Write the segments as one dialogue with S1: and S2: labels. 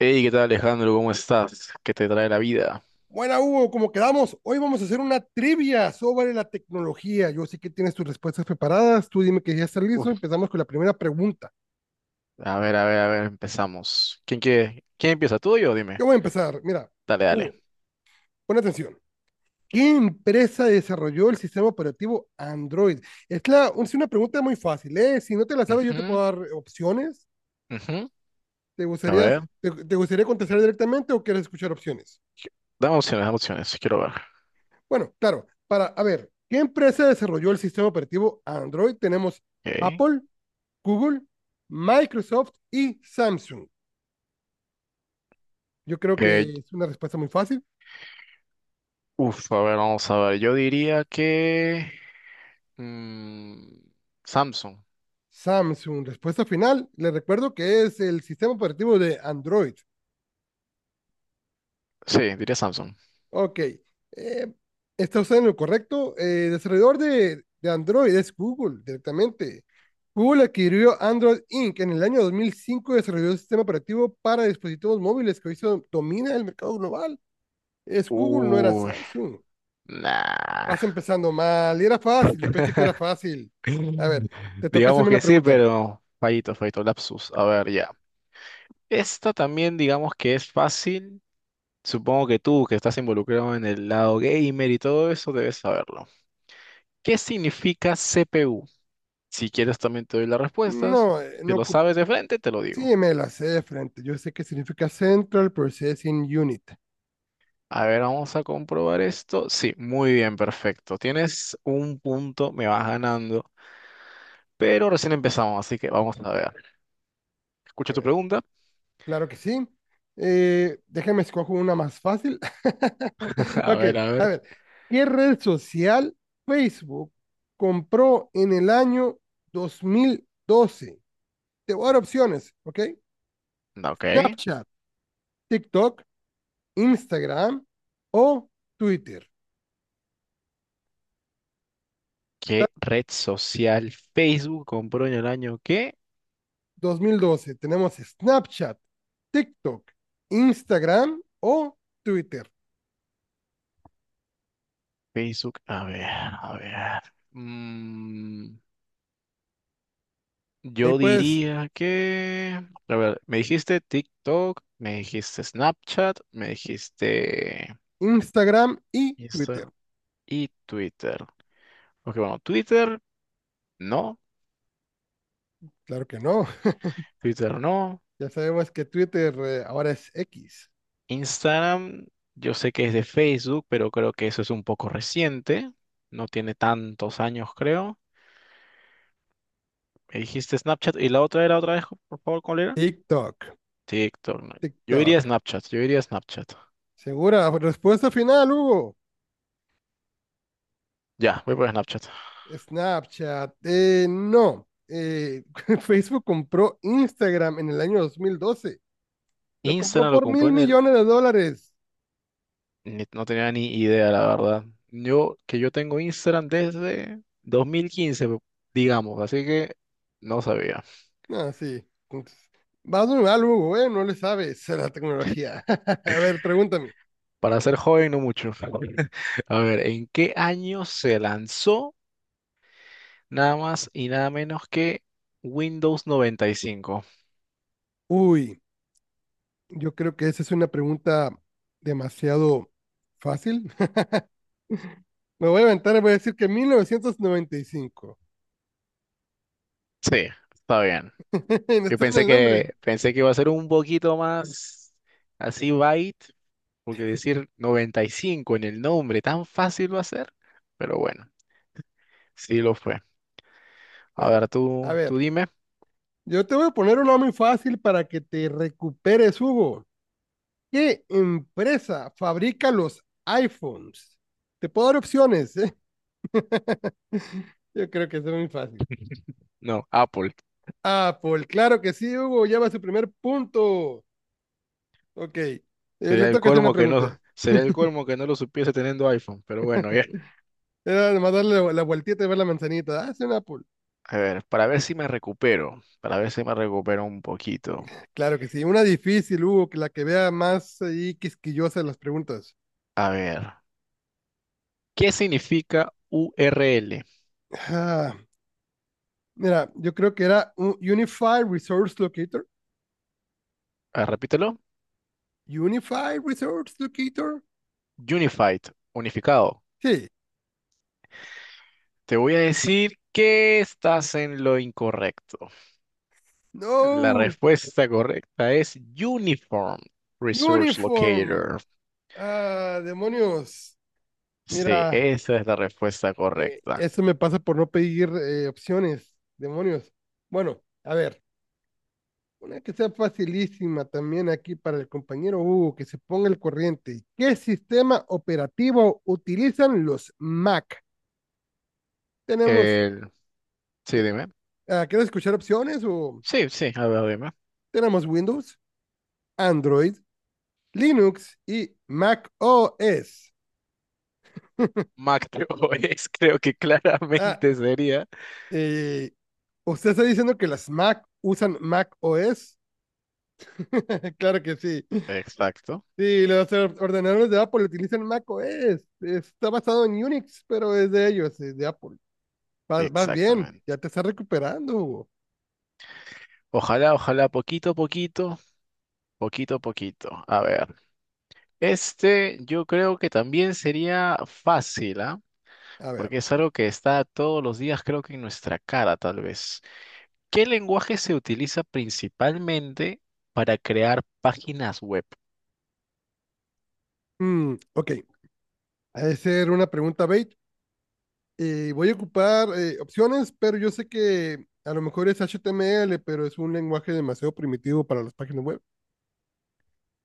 S1: Hey, ¿qué tal Alejandro? ¿Cómo estás? ¿Qué te trae la vida?
S2: Buena, Hugo, como quedamos, hoy vamos a hacer una trivia sobre la tecnología. Yo sé que tienes tus respuestas preparadas, tú dime que ya está listo,
S1: Uf,
S2: empezamos con la primera pregunta.
S1: A ver, a ver, a ver, empezamos. ¿Quién quiere? ¿Quién empieza? ¿Tú o yo? Dime.
S2: Yo voy a empezar, mira,
S1: Dale, dale.
S2: Hugo, pon atención. ¿Qué empresa desarrolló el sistema operativo Android? Es una pregunta muy fácil, ¿eh? Si no te la sabes, yo te
S1: Ujú,
S2: puedo dar opciones.
S1: ujú.
S2: ¿Te
S1: A
S2: gustaría,
S1: ver,
S2: te gustaría contestar directamente o quieres escuchar opciones?
S1: dame opciones, dame opciones. Quiero ver.
S2: Bueno, claro, a ver, ¿qué empresa desarrolló el sistema operativo Android? Tenemos
S1: Ok.
S2: Apple, Google, Microsoft y Samsung. Yo creo
S1: Eh,
S2: que es una respuesta muy fácil.
S1: a ver, vamos a ver. Yo diría que... mm, Samsung.
S2: Samsung, respuesta final. Les recuerdo que es el sistema operativo de Android.
S1: Sí, diría Samsung.
S2: Ok, está usted en lo correcto. El desarrollador de Android es Google directamente. Google adquirió Android Inc. en el año 2005 y desarrolló el sistema operativo para dispositivos móviles que hoy se domina el mercado global. Es Google, no era
S1: Uy,
S2: Samsung.
S1: nah.
S2: Vas empezando mal. Y era fácil, yo pensé que era fácil. A ver, te toca
S1: Digamos
S2: hacerme una
S1: que sí,
S2: pregunta.
S1: pero fallito, fallito, lapsus. A ver, ya. Esta también digamos que es fácil. Supongo que tú, que estás involucrado en el lado gamer y todo eso, debes saberlo. ¿Qué significa CPU? Si quieres, también te doy las respuestas.
S2: No,
S1: Si
S2: no,
S1: lo sabes de frente, te lo digo.
S2: sí, me la sé de frente. Yo sé que significa Central Processing Unit.
S1: A ver, vamos a comprobar esto. Sí, muy bien, perfecto. Tienes un punto, me vas ganando, pero recién empezamos, así que vamos a ver. Escucha
S2: A
S1: tu
S2: ver,
S1: pregunta.
S2: claro que sí. Déjame escojo una más fácil.
S1: A
S2: Ok,
S1: ver, a
S2: a
S1: ver.
S2: ver, ¿qué red social Facebook compró en el año 2012? Te voy a dar opciones, ¿ok?
S1: No, ok.
S2: Snapchat, TikTok, Instagram o Twitter.
S1: ¿Qué red social Facebook compró en el año que?
S2: 2012 tenemos Snapchat, TikTok, Instagram o Twitter.
S1: Facebook, a ver, a ver. Mm,
S2: Ahí
S1: Yo
S2: puedes
S1: diría que, a ver, me dijiste TikTok, me dijiste Snapchat, me dijiste
S2: Instagram y Twitter.
S1: Instagram y Twitter. Ok, bueno, Twitter no,
S2: Claro que no.
S1: Twitter no.
S2: Ya sabemos que Twitter ahora es X.
S1: Instagram, yo sé que es de Facebook, pero creo que eso es un poco reciente. No tiene tantos años, creo. Me dijiste Snapchat y la otra era otra vez, por favor, ¿cuál era?
S2: TikTok,
S1: TikTok, no. Yo diría
S2: TikTok.
S1: Snapchat, yo diría Snapchat.
S2: Segura, respuesta final, Hugo.
S1: Ya, voy por Snapchat.
S2: Snapchat, no. Facebook compró Instagram en el año 2012. Lo compró
S1: Instagram lo
S2: por
S1: compró
S2: mil
S1: en el...
S2: millones de dólares.
S1: Ni- No tenía ni idea, la verdad. Que yo tengo Instagram desde 2015, digamos, así que no sabía.
S2: Ah, sí. Entonces, vas muy mal, Hugo, ¿eh? No le sabes a la tecnología. A ver, pregúntame.
S1: Para ser joven, no mucho. A ver, ¿en qué año se lanzó nada más y nada menos que Windows 95?
S2: Uy, yo creo que esa es una pregunta demasiado fácil. Me voy a aventar y voy a decir que 1995.
S1: Sí, está bien.
S2: No está en el nombre.
S1: Pensé que iba a ser un poquito más así byte, porque decir 95 en el nombre tan fácil va a ser, pero bueno, sí lo fue. A
S2: Bueno,
S1: ver,
S2: a
S1: tú
S2: ver,
S1: dime.
S2: yo te voy a poner una muy fácil para que te recuperes, Hugo. ¿Qué empresa fabrica los iPhones? Te puedo dar opciones, ¿eh? Yo creo que es muy fácil.
S1: No, Apple.
S2: Apple, claro que sí, Hugo, ya va su primer punto. Ok, le
S1: Sería el
S2: toca hacer una
S1: colmo que no,
S2: pregunta.
S1: sería el colmo que no lo supiese teniendo iPhone, pero bueno, ya.
S2: Era nomás darle la vueltita y ver la manzanita. Ah, es un Apple.
S1: A ver, para ver si me recupero, para ver si me recupero un poquito.
S2: Claro que sí, una difícil, Hugo, que la que vea más ahí quisquillosa de las preguntas.
S1: A ver, ¿qué significa URL?
S2: Ah, mira, yo creo que era un Unified Resource Locator.
S1: A ver, repítelo.
S2: Unified Resource Locator.
S1: Unified, unificado.
S2: Sí.
S1: Te voy a decir que estás en lo incorrecto. La
S2: No.
S1: respuesta correcta es Uniform Resource
S2: Uniform.
S1: Locator.
S2: Ah, demonios.
S1: Sí,
S2: Mira,
S1: esa es la respuesta correcta.
S2: Eso me pasa por no pedir opciones, demonios. Bueno, a ver, una que sea facilísima también aquí para el compañero Hugo, que se ponga el corriente. ¿Qué sistema operativo utilizan los Mac? Tenemos,
S1: El... sí, dime.
S2: ¿quieres escuchar opciones? O
S1: Sí, sí, a ver, dime.
S2: tenemos Windows, Android, Linux y Mac OS.
S1: Macro es, creo que
S2: Ah,
S1: claramente sería.
S2: eh, ¿usted está diciendo que las Mac usan Mac OS? Claro que sí.
S1: Exacto,
S2: Sí, los ordenadores de Apple utilizan macOS. Está basado en Unix, pero es de ellos, es de Apple. Vas bien, ya
S1: exactamente.
S2: te estás recuperando, Hugo.
S1: Ojalá, ojalá, poquito a poquito, poquito a poquito. A ver, este yo creo que también sería fácil, ¿ah?
S2: A
S1: Porque
S2: ver.
S1: es algo que está todos los días, creo que en nuestra cara, tal vez. ¿Qué lenguaje se utiliza principalmente para crear páginas web?
S2: Ok, ha de ser una pregunta bait. Voy a ocupar opciones, pero yo sé que a lo mejor es HTML, pero es un lenguaje demasiado primitivo para las páginas web.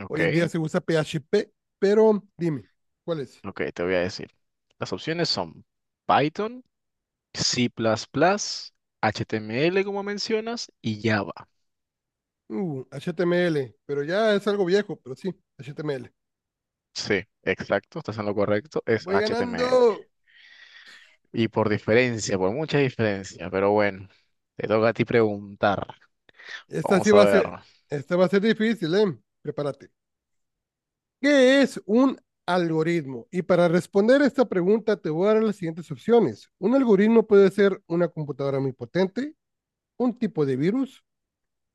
S1: Ok,
S2: Hoy en día se usa PHP, pero dime, ¿cuál es?
S1: ok, te voy a decir. Las opciones son Python, C++, HTML como mencionas y Java.
S2: HTML, pero ya es algo viejo, pero sí, HTML.
S1: Sí, exacto, estás en lo correcto, es
S2: Voy
S1: HTML.
S2: ganando.
S1: Y por diferencia, por mucha diferencia, pero bueno, te toca a ti preguntar.
S2: Esta sí
S1: Vamos a
S2: va a ser,
S1: ver.
S2: esta va a ser difícil, ¿eh? Prepárate. ¿Qué es un algoritmo? Y para responder esta pregunta te voy a dar las siguientes opciones. Un algoritmo puede ser una computadora muy potente, un tipo de virus,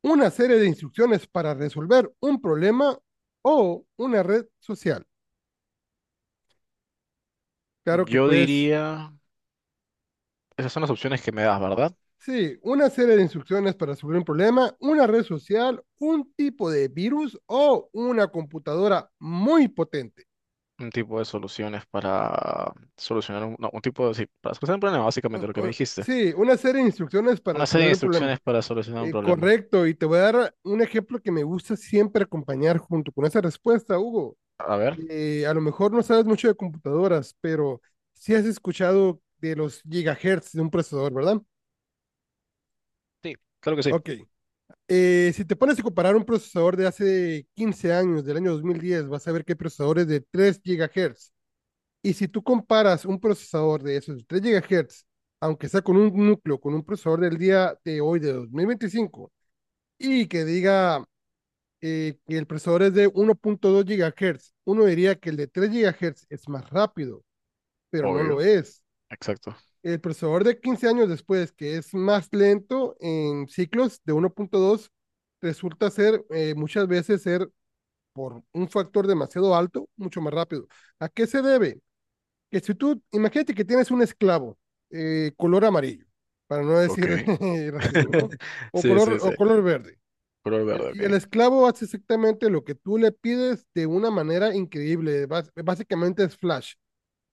S2: una serie de instrucciones para resolver un problema o una red social. Claro que
S1: Yo
S2: pues,
S1: diría, esas son las opciones que me das, ¿verdad?
S2: sí, una serie de instrucciones para resolver un problema, una red social, un tipo de virus o una computadora muy potente.
S1: Un tipo de soluciones para solucionar un, no, un tipo de, sí, para solucionar un problema, básicamente
S2: un-
S1: lo que me
S2: un-
S1: dijiste.
S2: sí, una serie de instrucciones para
S1: Una serie de
S2: resolver el problema.
S1: instrucciones para solucionar un
S2: Eh,
S1: problema.
S2: correcto, y te voy a dar un ejemplo que me gusta siempre acompañar junto con esa respuesta, Hugo.
S1: A ver.
S2: A lo mejor no sabes mucho de computadoras, pero sí has escuchado de los gigahertz de un procesador, ¿verdad?
S1: Sí, claro que sí.
S2: Ok. Si te pones a comparar un procesador de hace 15 años, del año 2010, vas a ver que hay procesadores de 3 GHz. Y si tú comparas un procesador de esos 3 GHz, aunque sea con un núcleo, con un procesador del día de hoy, de 2025 y que diga que el procesador es de 1,2 GHz, uno diría que el de 3 GHz es más rápido, pero no lo
S1: Obvio.
S2: es.
S1: Exacto.
S2: El procesador de 15 años después, que es más lento en ciclos de 1,2 resulta ser muchas veces ser por un factor demasiado alto, mucho más rápido. ¿A qué se debe? Que si tú, imagínate que tienes un esclavo color amarillo, para no
S1: Ok.
S2: decir racismo, ¿no? O
S1: Sí,
S2: color,
S1: sí, sí.
S2: o color verde.
S1: Color verde,
S2: Y el
S1: ok.
S2: esclavo hace exactamente lo que tú le pides de una manera increíble. Básicamente es flash.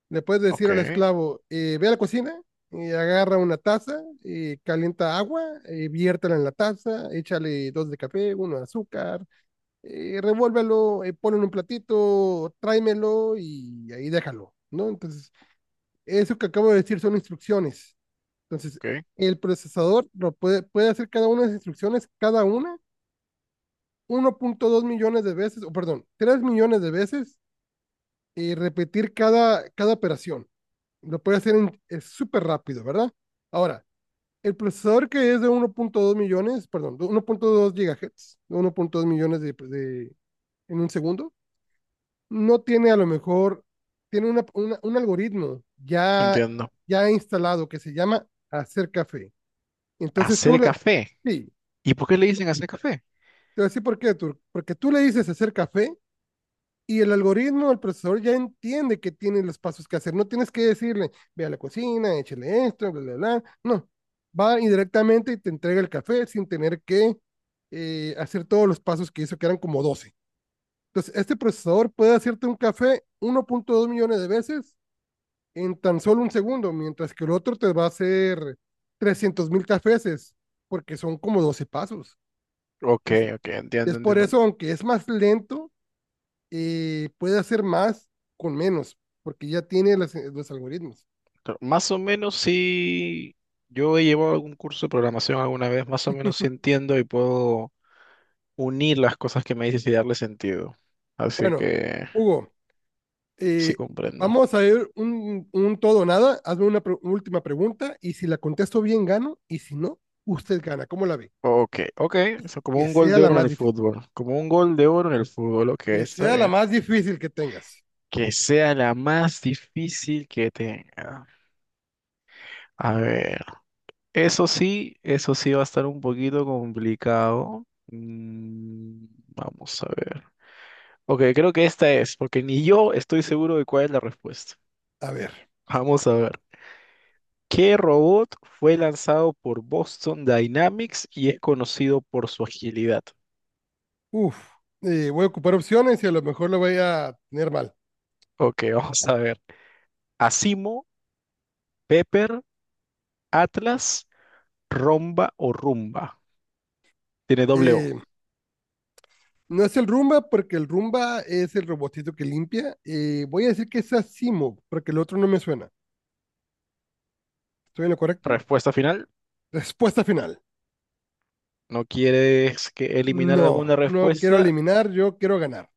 S2: Le puedes decir
S1: Ok,
S2: al esclavo, ve a la cocina y agarra una taza y calienta agua, viértela en la taza, échale dos de café, uno de azúcar, revuélvelo, ponlo en un platito, tráemelo y ahí déjalo, ¿no? Entonces eso que acabo de decir son instrucciones. Entonces,
S1: ok,
S2: el procesador lo puede hacer cada una de las instrucciones, cada una, 1,2 millones de veces, o perdón, 3 millones de veces, y repetir cada operación. Lo puede hacer es súper rápido, ¿verdad? Ahora, el procesador que es de 1,2 millones, perdón, de 1,2 GHz, de 1,2 millones en un segundo, no tiene a lo mejor, tiene un algoritmo ya,
S1: entiendo.
S2: ya instalado que se llama hacer café. Entonces
S1: Hacer café.
S2: sí, te
S1: ¿Y por qué le dicen hacer café?
S2: voy a decir por qué, Tur, porque tú le dices hacer café y el algoritmo, el procesador ya entiende que tiene los pasos que hacer. No tienes que decirle, ve a la cocina, échale esto, bla, bla, bla. No, va indirectamente y te entrega el café sin tener que hacer todos los pasos que hizo, que eran como 12. Entonces, este procesador puede hacerte un café 1,2 millones de veces en tan solo un segundo, mientras que el otro te va a hacer 300.000 cafés, porque son como 12 pasos.
S1: Ok,
S2: Es,
S1: ok,
S2: Y es
S1: entiendo,
S2: por
S1: entiendo.
S2: eso, aunque es más lento, puede hacer más con menos, porque ya tiene los algoritmos.
S1: Pero más o menos sí, yo he llevado algún curso de programación alguna vez, más o menos sí entiendo y puedo unir las cosas que me dices y darle sentido. Así
S2: Bueno,
S1: que
S2: Hugo,
S1: sí
S2: eh,
S1: comprendo.
S2: vamos a ver un todo o nada. Hazme una última pregunta y si la contesto bien, gano. Y si no, usted gana. ¿Cómo la ve?
S1: Ok, ok, eso como
S2: Que
S1: un gol
S2: sea
S1: de
S2: la
S1: oro en
S2: más
S1: el
S2: difícil.
S1: fútbol, como un gol de oro en el fútbol, ok,
S2: Que
S1: está
S2: sea la
S1: bien.
S2: más difícil que tengas.
S1: Que sea la más difícil que tenga. A ver. Eso sí va a estar un poquito complicado. Vamos a ver. Ok, creo que esta es, porque ni yo estoy seguro de cuál es la respuesta.
S2: A ver.
S1: Vamos a ver. ¿Qué robot fue lanzado por Boston Dynamics y es conocido por su agilidad?
S2: Uf. Voy a ocupar opciones y a lo mejor lo voy a tener mal.
S1: Ok, vamos a ver. Asimo, Pepper, Atlas, Romba o Rumba. Tiene doble O.
S2: Eh, No es el Rumba, porque el Rumba es el robotito que limpia. Voy a decir que es Asimo, porque el otro no me suena. ¿Estoy en lo correcto?
S1: Respuesta final.
S2: Respuesta final.
S1: ¿No quieres que eliminar
S2: No,
S1: alguna
S2: no quiero
S1: respuesta?
S2: eliminar, yo quiero ganar.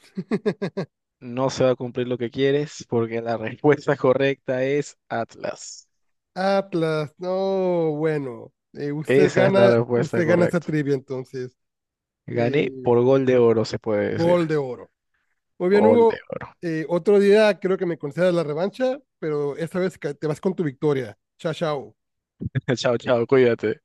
S1: No se va a cumplir lo que quieres porque la respuesta correcta es Atlas.
S2: Atlas, no, bueno. Usted
S1: Esa es la
S2: gana,
S1: respuesta
S2: usted gana esta
S1: correcta.
S2: trivia entonces. Eh,
S1: Gané por gol de oro, se puede decir.
S2: gol de oro. Muy bien,
S1: Gol de
S2: Hugo.
S1: oro.
S2: Otro día creo que me concedas la revancha, pero esta vez te vas con tu victoria. Chao, chao.
S1: Chao, chao, cuídate.